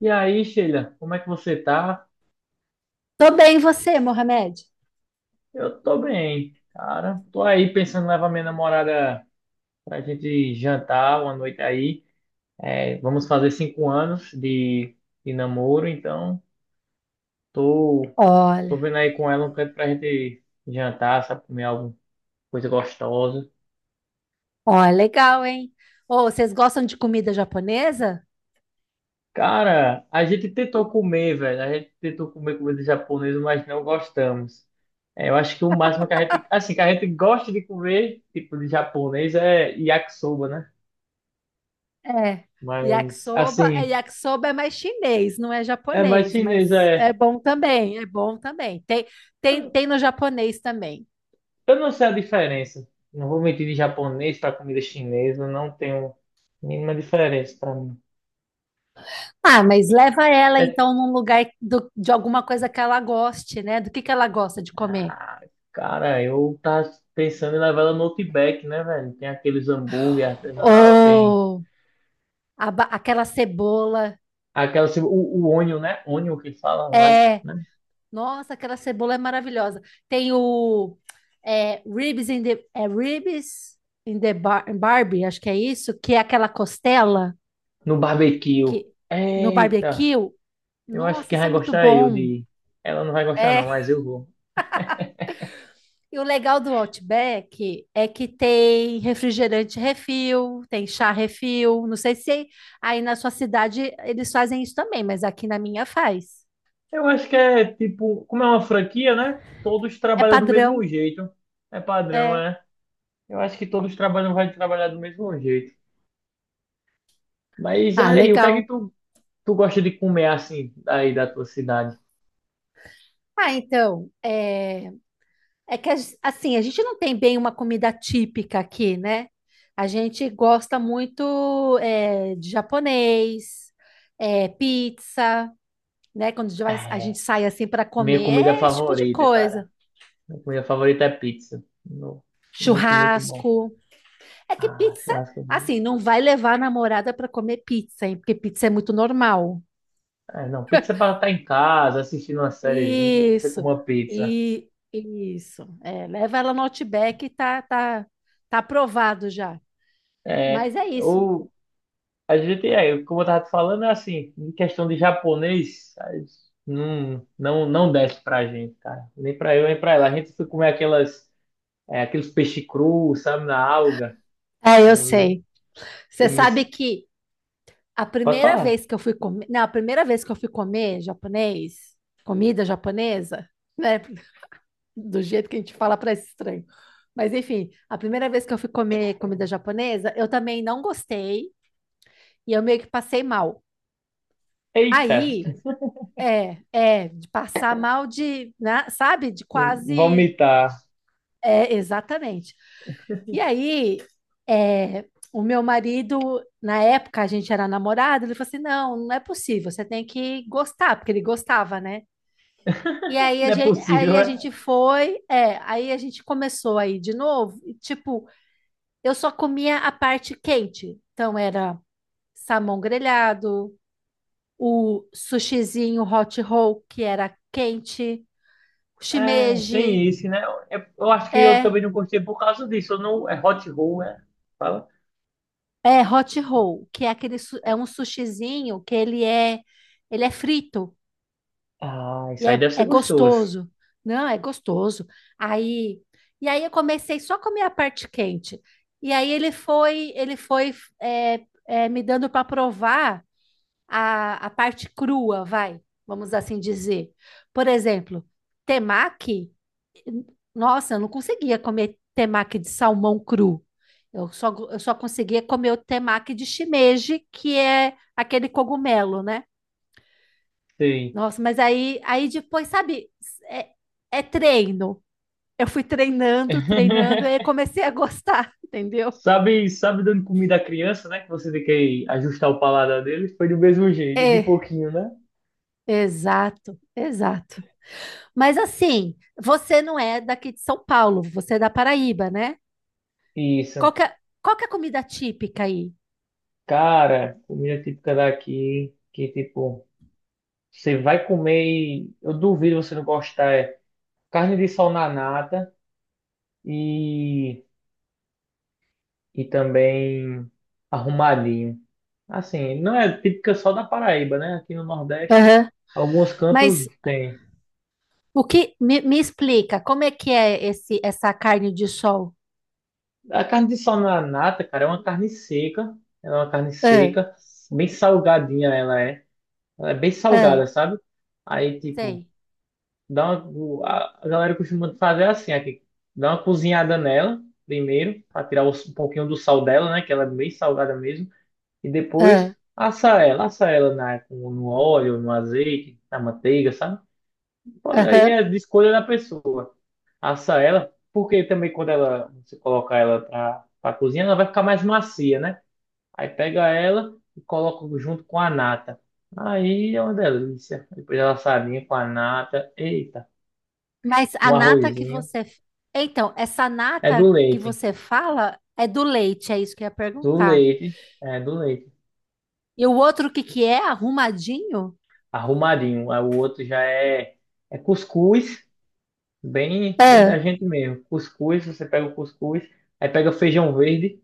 E aí, Sheila, como é que você tá? Tô bem, e você, Mohamed? Eu tô bem, cara. Tô aí pensando em levar minha namorada pra gente jantar uma noite aí. É, vamos fazer 5 anos de namoro, então tô, tô Olha, vendo aí com ela um canto pra gente jantar, sabe, comer alguma coisa gostosa. olha, legal, hein? Ô, vocês gostam de comida japonesa? Cara, a gente tentou comer, velho. A gente tentou comer comida japonesa, mas não gostamos. É, eu acho que o máximo que a gente gosta de comer, tipo de japonês, é yakisoba, né? É. Mas, Yakisoba, é, assim, yakisoba é mais chinês, não é é mais japonês, chinês, mas é é. bom também, é bom também. Eu não Tem no japonês também. eu não sei a diferença. Não vou mentir, de japonês para comida chinesa, não tenho mínima diferença para mim. Ah, mas leva ela É, então num lugar de alguma coisa que ela goste, né? Do que ela gosta de comer? ah, cara, eu tava pensando em levar ela no Outback, né, velho? Tem aqueles hambúrguer artesanal, tem Ou aquela cebola. O onion, né? Onion que fala, eu acho, É, né? nossa, aquela cebola é maravilhosa. Tem ribs in the bar, Barbie, acho que é isso, que é aquela costela No barbecue. que no Eita, barbecue. eu acho Nossa, que isso é vai muito gostar é eu bom. de. Ela não vai gostar É, não, mas eu vou. e o legal do Outback é que tem refrigerante refil, tem chá refil. Não sei se aí na sua cidade eles fazem isso também, mas aqui na minha faz. Eu acho que é tipo, como é uma franquia, né? Todos É trabalham do mesmo padrão, jeito. É padrão, é. é. Eu acho que todos trabalham, vai trabalhar do mesmo jeito. Mas Ah, aí, o que é que legal. tu gosta de comer assim, aí da tua cidade? Ah, então, é. É que assim, a gente não tem bem uma comida típica aqui, né? A gente gosta muito de japonês, é, pizza, né? Quando a gente a gente É, sai assim para minha comer, comida é esse tipo de favorita, cara. coisa. Minha comida favorita é pizza. Muito, muito bom. Churrasco. É que Ah, pizza, churrasco. Assim, não vai levar a namorada para comer pizza, hein? Porque pizza é muito normal. É, não, pizza é pra estar em casa, assistindo uma sériezinha, você Isso. come uma pizza. E isso. É, leva ela no Outback, e tá aprovado já. Mas É, é isso. a gente é, como eu tava te falando, é assim, em questão de japonês, aí não, não, não desce pra gente, cara. Nem pra eu, nem pra ela. A gente foi comer aquelas, aqueles peixe cru, sabe, na alga. É, eu Eu, sei. Você eu me. sabe que a Pode primeira falar. vez que eu fui comer, não, a primeira vez que eu fui comer japonês, comida japonesa, né, do jeito que a gente fala parece estranho. Mas enfim, a primeira vez que eu fui comer comida japonesa, eu também não gostei e eu meio que passei mal. Eita, Aí, de passar mal de, né, sabe, de quase. vomitar. É, exatamente. E aí, é, o meu marido, na época a gente era namorado, ele falou assim: não, não é possível, você tem que gostar, porque ele gostava, né? E aí a Não é gente, aí possível, a gente é, foi, aí a gente começou aí de novo, e, tipo, eu só comia a parte quente. Então era salmão grelhado, o sushizinho hot roll, que era quente, é, tem shimeji, isso, né? Eu acho que eu é. também não gostei por causa disso. Eu não, é hot roll, é. Fala. É hot roll, que é aquele é um sushizinho que ele é frito Ah, e isso aí deve é ser gostoso. gostoso. Não, é gostoso. Aí e aí eu comecei só a comer a parte quente. E aí ele foi me dando para provar a parte crua, vai, vamos assim dizer. Por exemplo, temaki, nossa, eu não conseguia comer temaki de salmão cru. Eu só conseguia comer o temaki de shimeji, que é aquele cogumelo, né? Sim. Nossa, mas aí, aí depois, sabe, é, é treino. Eu fui treinando, treinando, e aí comecei a gostar, entendeu? Sabe dando comida à criança, né? Que você tem que ajustar o paladar deles. Foi do mesmo jeito, de É, pouquinho, né? exato, exato. Mas assim, você não é daqui de São Paulo, você é da Paraíba, né? Qual Isso. que é, qual que é a comida típica aí? Cara, comida típica daqui, que tipo, você vai comer e eu duvido você não gostar. É carne de sol na nata e, e também arrumadinho. Assim, não é típica só da Paraíba, né? Aqui no Nordeste, Aham. alguns cantos Mas tem. o que me explica como é que é esse essa carne de sol? A carne de sol na nata, cara, é uma carne seca. Ela é uma carne Ah, seca, bem salgadinha ela é. Ela é bem ah, salgada, sabe? Aí, tipo, sei. dá uma, a galera costuma fazer assim aqui. Dá uma cozinhada nela primeiro, para tirar um pouquinho do sal dela, né? Que ela é bem salgada mesmo. E Ah, depois assa ela no óleo, no azeite, na manteiga, sabe? Pode, aí aham. é de escolha da pessoa assar ela, porque também quando ela, você colocar ela pra cozinhar, ela vai ficar mais macia, né? Aí pega ela e coloca junto com a nata. Aí é uma delícia. Depois ela assadinha com a nata. Eita, Mas a um nata que arrozinho. você. Então, essa É nata do que leite. você fala é do leite, é isso que eu ia Do perguntar. leite. É do leite. E o outro o que que é? Arrumadinho? Arrumadinho. Aí o outro já é cuscuz. Bem, bem Ah, da gente mesmo. Cuscuz, você pega o cuscuz. Aí pega o feijão verde.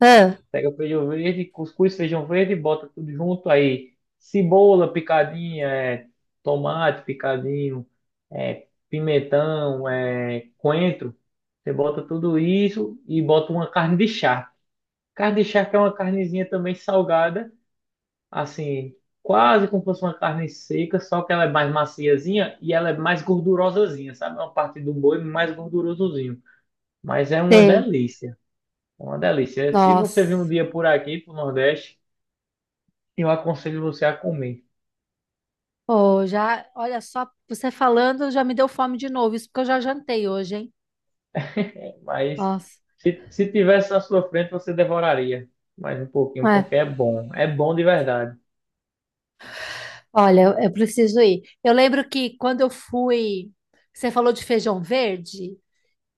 ah, Pega o feijão verde, cuscuz, feijão verde, bota tudo junto aí. Cebola picadinha, é, tomate picadinho, é, pimentão, é, coentro. Você bota tudo isso e bota uma carne de charque. Carne de charque é uma carnezinha também salgada, assim, quase como se fosse uma carne seca, só que ela é mais maciazinha e ela é mais gordurosazinha, sabe? É uma parte do boi mais gordurosozinho. Mas é uma sei. delícia, é uma delícia. Se você vir um Nossa. dia por aqui, pro Nordeste, eu aconselho você a comer. Oh, já, olha só, você falando já me deu fome de novo, isso porque eu já jantei hoje, hein? Mas Nossa. se tivesse na sua frente, você devoraria mais um pouquinho, porque é bom. É bom de verdade. Olha, eu preciso ir. Eu lembro que quando eu fui, você falou de feijão verde.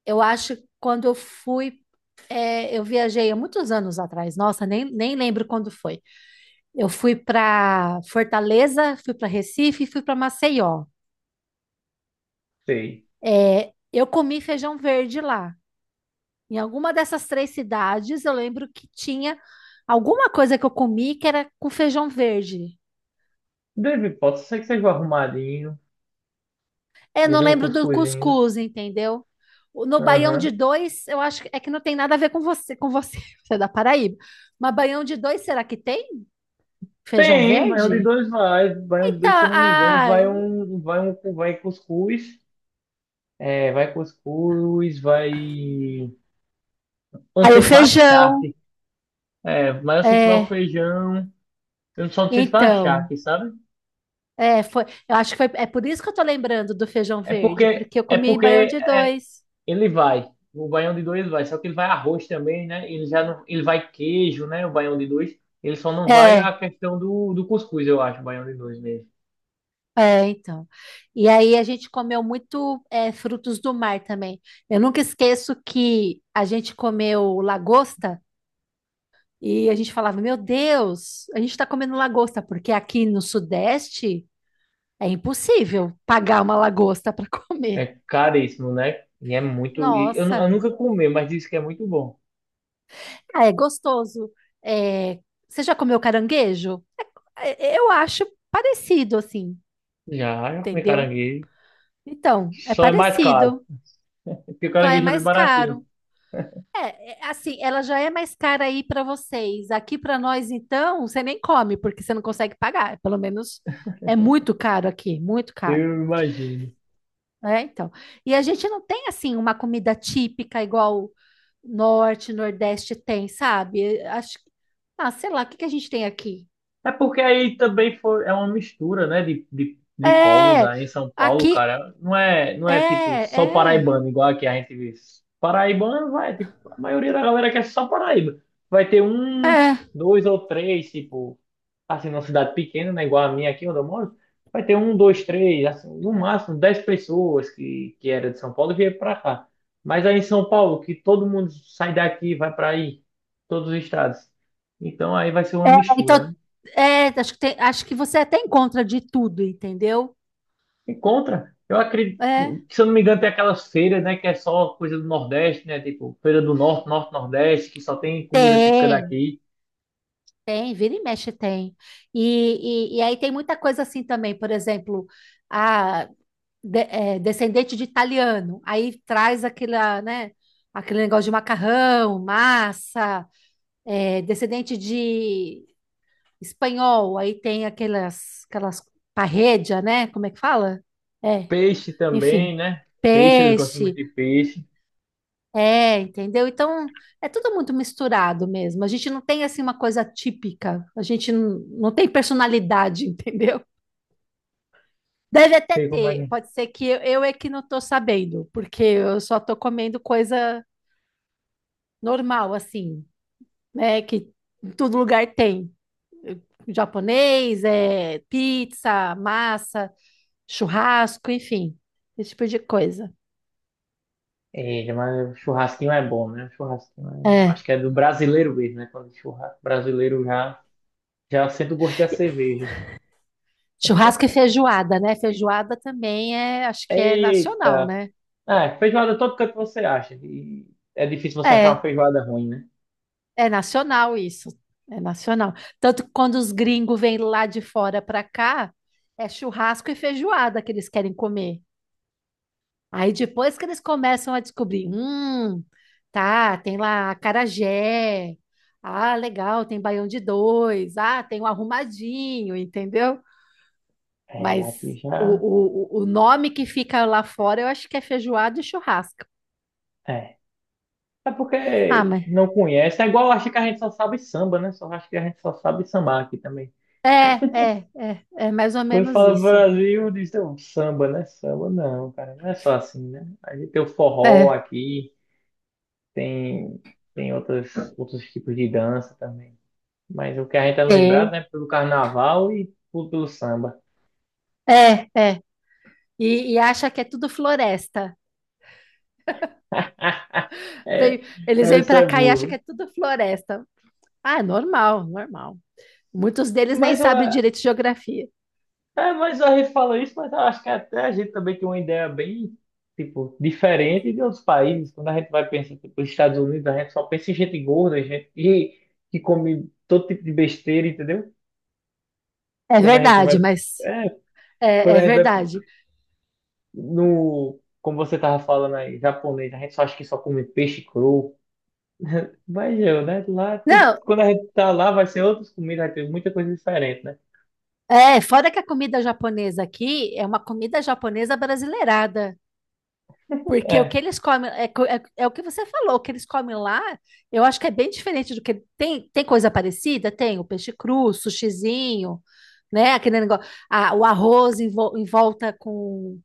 Eu acho que quando eu fui, é, eu viajei há muitos anos atrás. Nossa, nem lembro quando foi. Eu fui para Fortaleza, fui para Recife e fui para Maceió. Sei. É, eu comi feijão verde lá. Em alguma dessas três cidades, eu lembro que tinha alguma coisa que eu comi que era com feijão verde. Deve, pode ser que seja um arrumadinho. É, Ainda não vem um lembro do cuscuzinho. cuscuz, entendeu? No baião de Aham. dois, eu acho que é que não tem nada a ver com você, você é da Paraíba. Mas baião de dois, será que tem? Feijão Tem, baião de verde? dois vai. Baião de Então, dois, se eu não me engano, ah, vai um, vai cuscuz. É, vai cuscuz, vai. Eu não aí o sei se vai feijão. charque. É, mas eu sei que vai o É, feijão. Eu só não sei se vai então, charque, sabe? é, foi, eu acho que foi, é por isso que eu tô lembrando do feijão verde, porque eu É comi baião porque de dois. Ele vai. O baião de dois vai. Só que ele vai arroz também, né? Ele já não, ele vai queijo, né? O baião de dois. Ele só não vai É, a questão do cuscuz, eu acho, o baião de dois mesmo. Então. E aí a gente comeu muito, é, frutos do mar também. Eu nunca esqueço que a gente comeu lagosta. E a gente falava: meu Deus, a gente está comendo lagosta, porque aqui no Sudeste é impossível pagar uma lagosta para comer. É caríssimo, né? E é muito. E eu Nossa, nunca comi, mas disse que é muito bom. ah, é gostoso. É, você já comeu caranguejo? Eu acho parecido, assim, Já, já comi entendeu? caranguejo. Então, é Só é mais caro. parecido, Porque só é caranguejo é bem mais caro. baratinho. Assim, ela já é mais cara aí para vocês. Aqui para nós, então, você nem come, porque você não consegue pagar. Pelo menos é muito caro aqui, muito caro. Eu imagino. É, então. E a gente não tem assim uma comida típica igual norte, nordeste tem, sabe? Acho que. Ah, sei lá, o que que a gente tem aqui? É porque aí também foi, é uma mistura, né, de povos É, aí em São Paulo, aqui cara. Não é tipo é, só é, paraibano, igual aqui a gente vê. Paraibano vai, tipo, a maioria da galera quer só Paraíba. Vai ter um, é. dois ou três, tipo, assim, numa cidade pequena, né, igual a minha aqui onde eu moro, vai ter um, dois, três, assim, no máximo 10 pessoas que era de São Paulo e veio pra cá. Mas aí em São Paulo, que todo mundo sai daqui, vai pra aí, todos os estados. Então aí vai ser uma mistura, Então, né? é, acho que acho que você até encontra de tudo, entendeu? Encontra. Eu acredito, É. se eu não me engano, tem aquelas feiras, né, que é só coisa do Nordeste, né, tipo feira do Norte, Nordeste, que só tem comida típica Tem, daqui. tem, vira e mexe tem. E aí tem muita coisa assim também, por exemplo, é, descendente de italiano. Aí traz aquela, né, aquele negócio de macarrão, massa, é, descendente de espanhol. Aí tem aquelas parredia, né? Como é que fala? É, Peixe enfim, também, né? Peixe, eles gostam muito peixe. de peixe. É, entendeu? Então, é tudo muito misturado mesmo. A gente não tem assim uma coisa típica. A gente não, não tem personalidade, entendeu? Deve até Sei como é. ter, pode ser que eu é que não tô sabendo, porque eu só tô comendo coisa normal, assim, né? Que em todo lugar tem. Japonês, é, pizza, massa, churrasco, enfim, esse tipo de coisa. É, mas churrasquinho é bom, né? Churrasquinho é. É. Acho que é do brasileiro mesmo, né? Quando churrasco brasileiro já, já sente o gosto da cerveja. Churrasco e feijoada, né? Feijoada também é, acho que é nacional, Eita! né? Ah, feijoada todo canto você acha. E é difícil você achar uma É. feijoada ruim, né? É nacional isso. É nacional. Tanto que quando os gringos vêm lá de fora para cá, é churrasco e feijoada que eles querem comer. Aí depois que eles começam a descobrir, tá, tem lá acarajé. Ah, legal, tem baião de dois. Ah, tem o arrumadinho, entendeu? É, Mas aqui o, já. O nome que fica lá fora, eu acho que é feijoada e churrasco. É. É Ah, porque mas não conhece. É igual, acho que a gente só sabe samba, né? Só acho que a gente só sabe sambar aqui também. É mais ou Quando menos fala isso. Brasil, diz: "Não, samba, né?" Samba não, cara. Não é só assim, né? A gente tem o forró É, aqui, tem, tem outros tipos de dança também. Mas o que a gente é lembrado, tem. né? Pelo carnaval e pelo samba. É, é. E acha que é tudo floresta. Veio- É, eles vêm isso para é cá e acham que é burro. tudo floresta. Ah, é normal, normal. Muitos deles nem Mas ó, sabem direito de geografia. é, mas a gente fala isso, mas eu acho que até a gente também tem uma ideia bem, tipo, diferente de outros países. Quando a gente vai pensar, tipo, nos Estados Unidos, a gente só pensa em gente gorda, gente que come todo tipo de besteira, entendeu? É Quando a gente vai, verdade, mas é, quando é a gente vai verdade. no, como você tava falando aí, japonês, a gente só acha que só come peixe cru. Mas eu, né, lá, Não, quando a gente tá lá, vai ser outras comidas, vai ter muita coisa diferente, né? é, fora que a comida japonesa aqui é uma comida japonesa brasileirada. Porque o que É, eles comem, é, é o que você falou, o que eles comem lá, eu acho que é bem diferente do que. Tem coisa parecida? Tem o peixe cru, sushizinho, né? Aquele negócio. Ah, o arroz em, vol em volta com.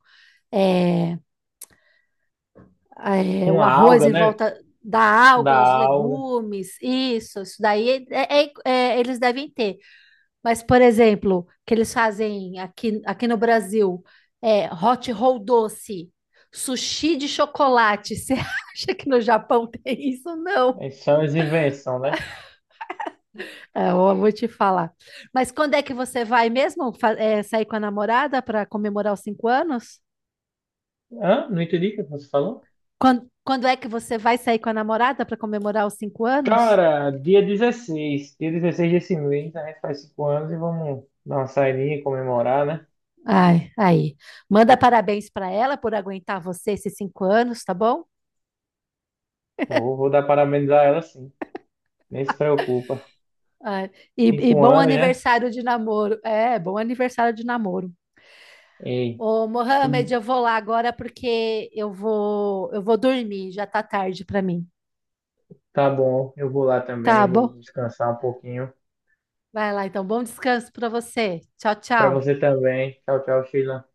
é, é, o uma arroz alga, em né, volta da da alga, os alga. legumes, isso daí eles devem ter. Mas, por exemplo, que eles fazem aqui, aqui no Brasil, é hot roll doce, sushi de chocolate. Você acha que no Japão tem isso? Não. Aí são as invenções, né? É, eu vou te falar. Mas quando é que você vai mesmo sair com a namorada para comemorar os 5 anos? Hã? Não entendi o que você falou. Quando é que você vai sair com a namorada para comemorar os cinco anos? Cara, dia dezesseis desse mês, a gente faz 5 anos e vamos dar uma saidinha, comemorar, né? Ai, aí. Manda parabéns para ela por aguentar você esses 5 anos, tá bom? Vou dar parabéns a ela, sim. Nem se preocupa. Ai, e cinco bom anos, né? aniversário de namoro. É, bom aniversário de namoro. Ei, Ô, tudo Mohamed, eu vou lá agora porque eu vou dormir, já tá tarde pra mim. tá bom. Eu vou lá Tá também, vou bom? descansar um pouquinho. Vai lá então, bom descanso pra você. Tchau, Pra tchau. você também. Tchau, tchau, Sheila.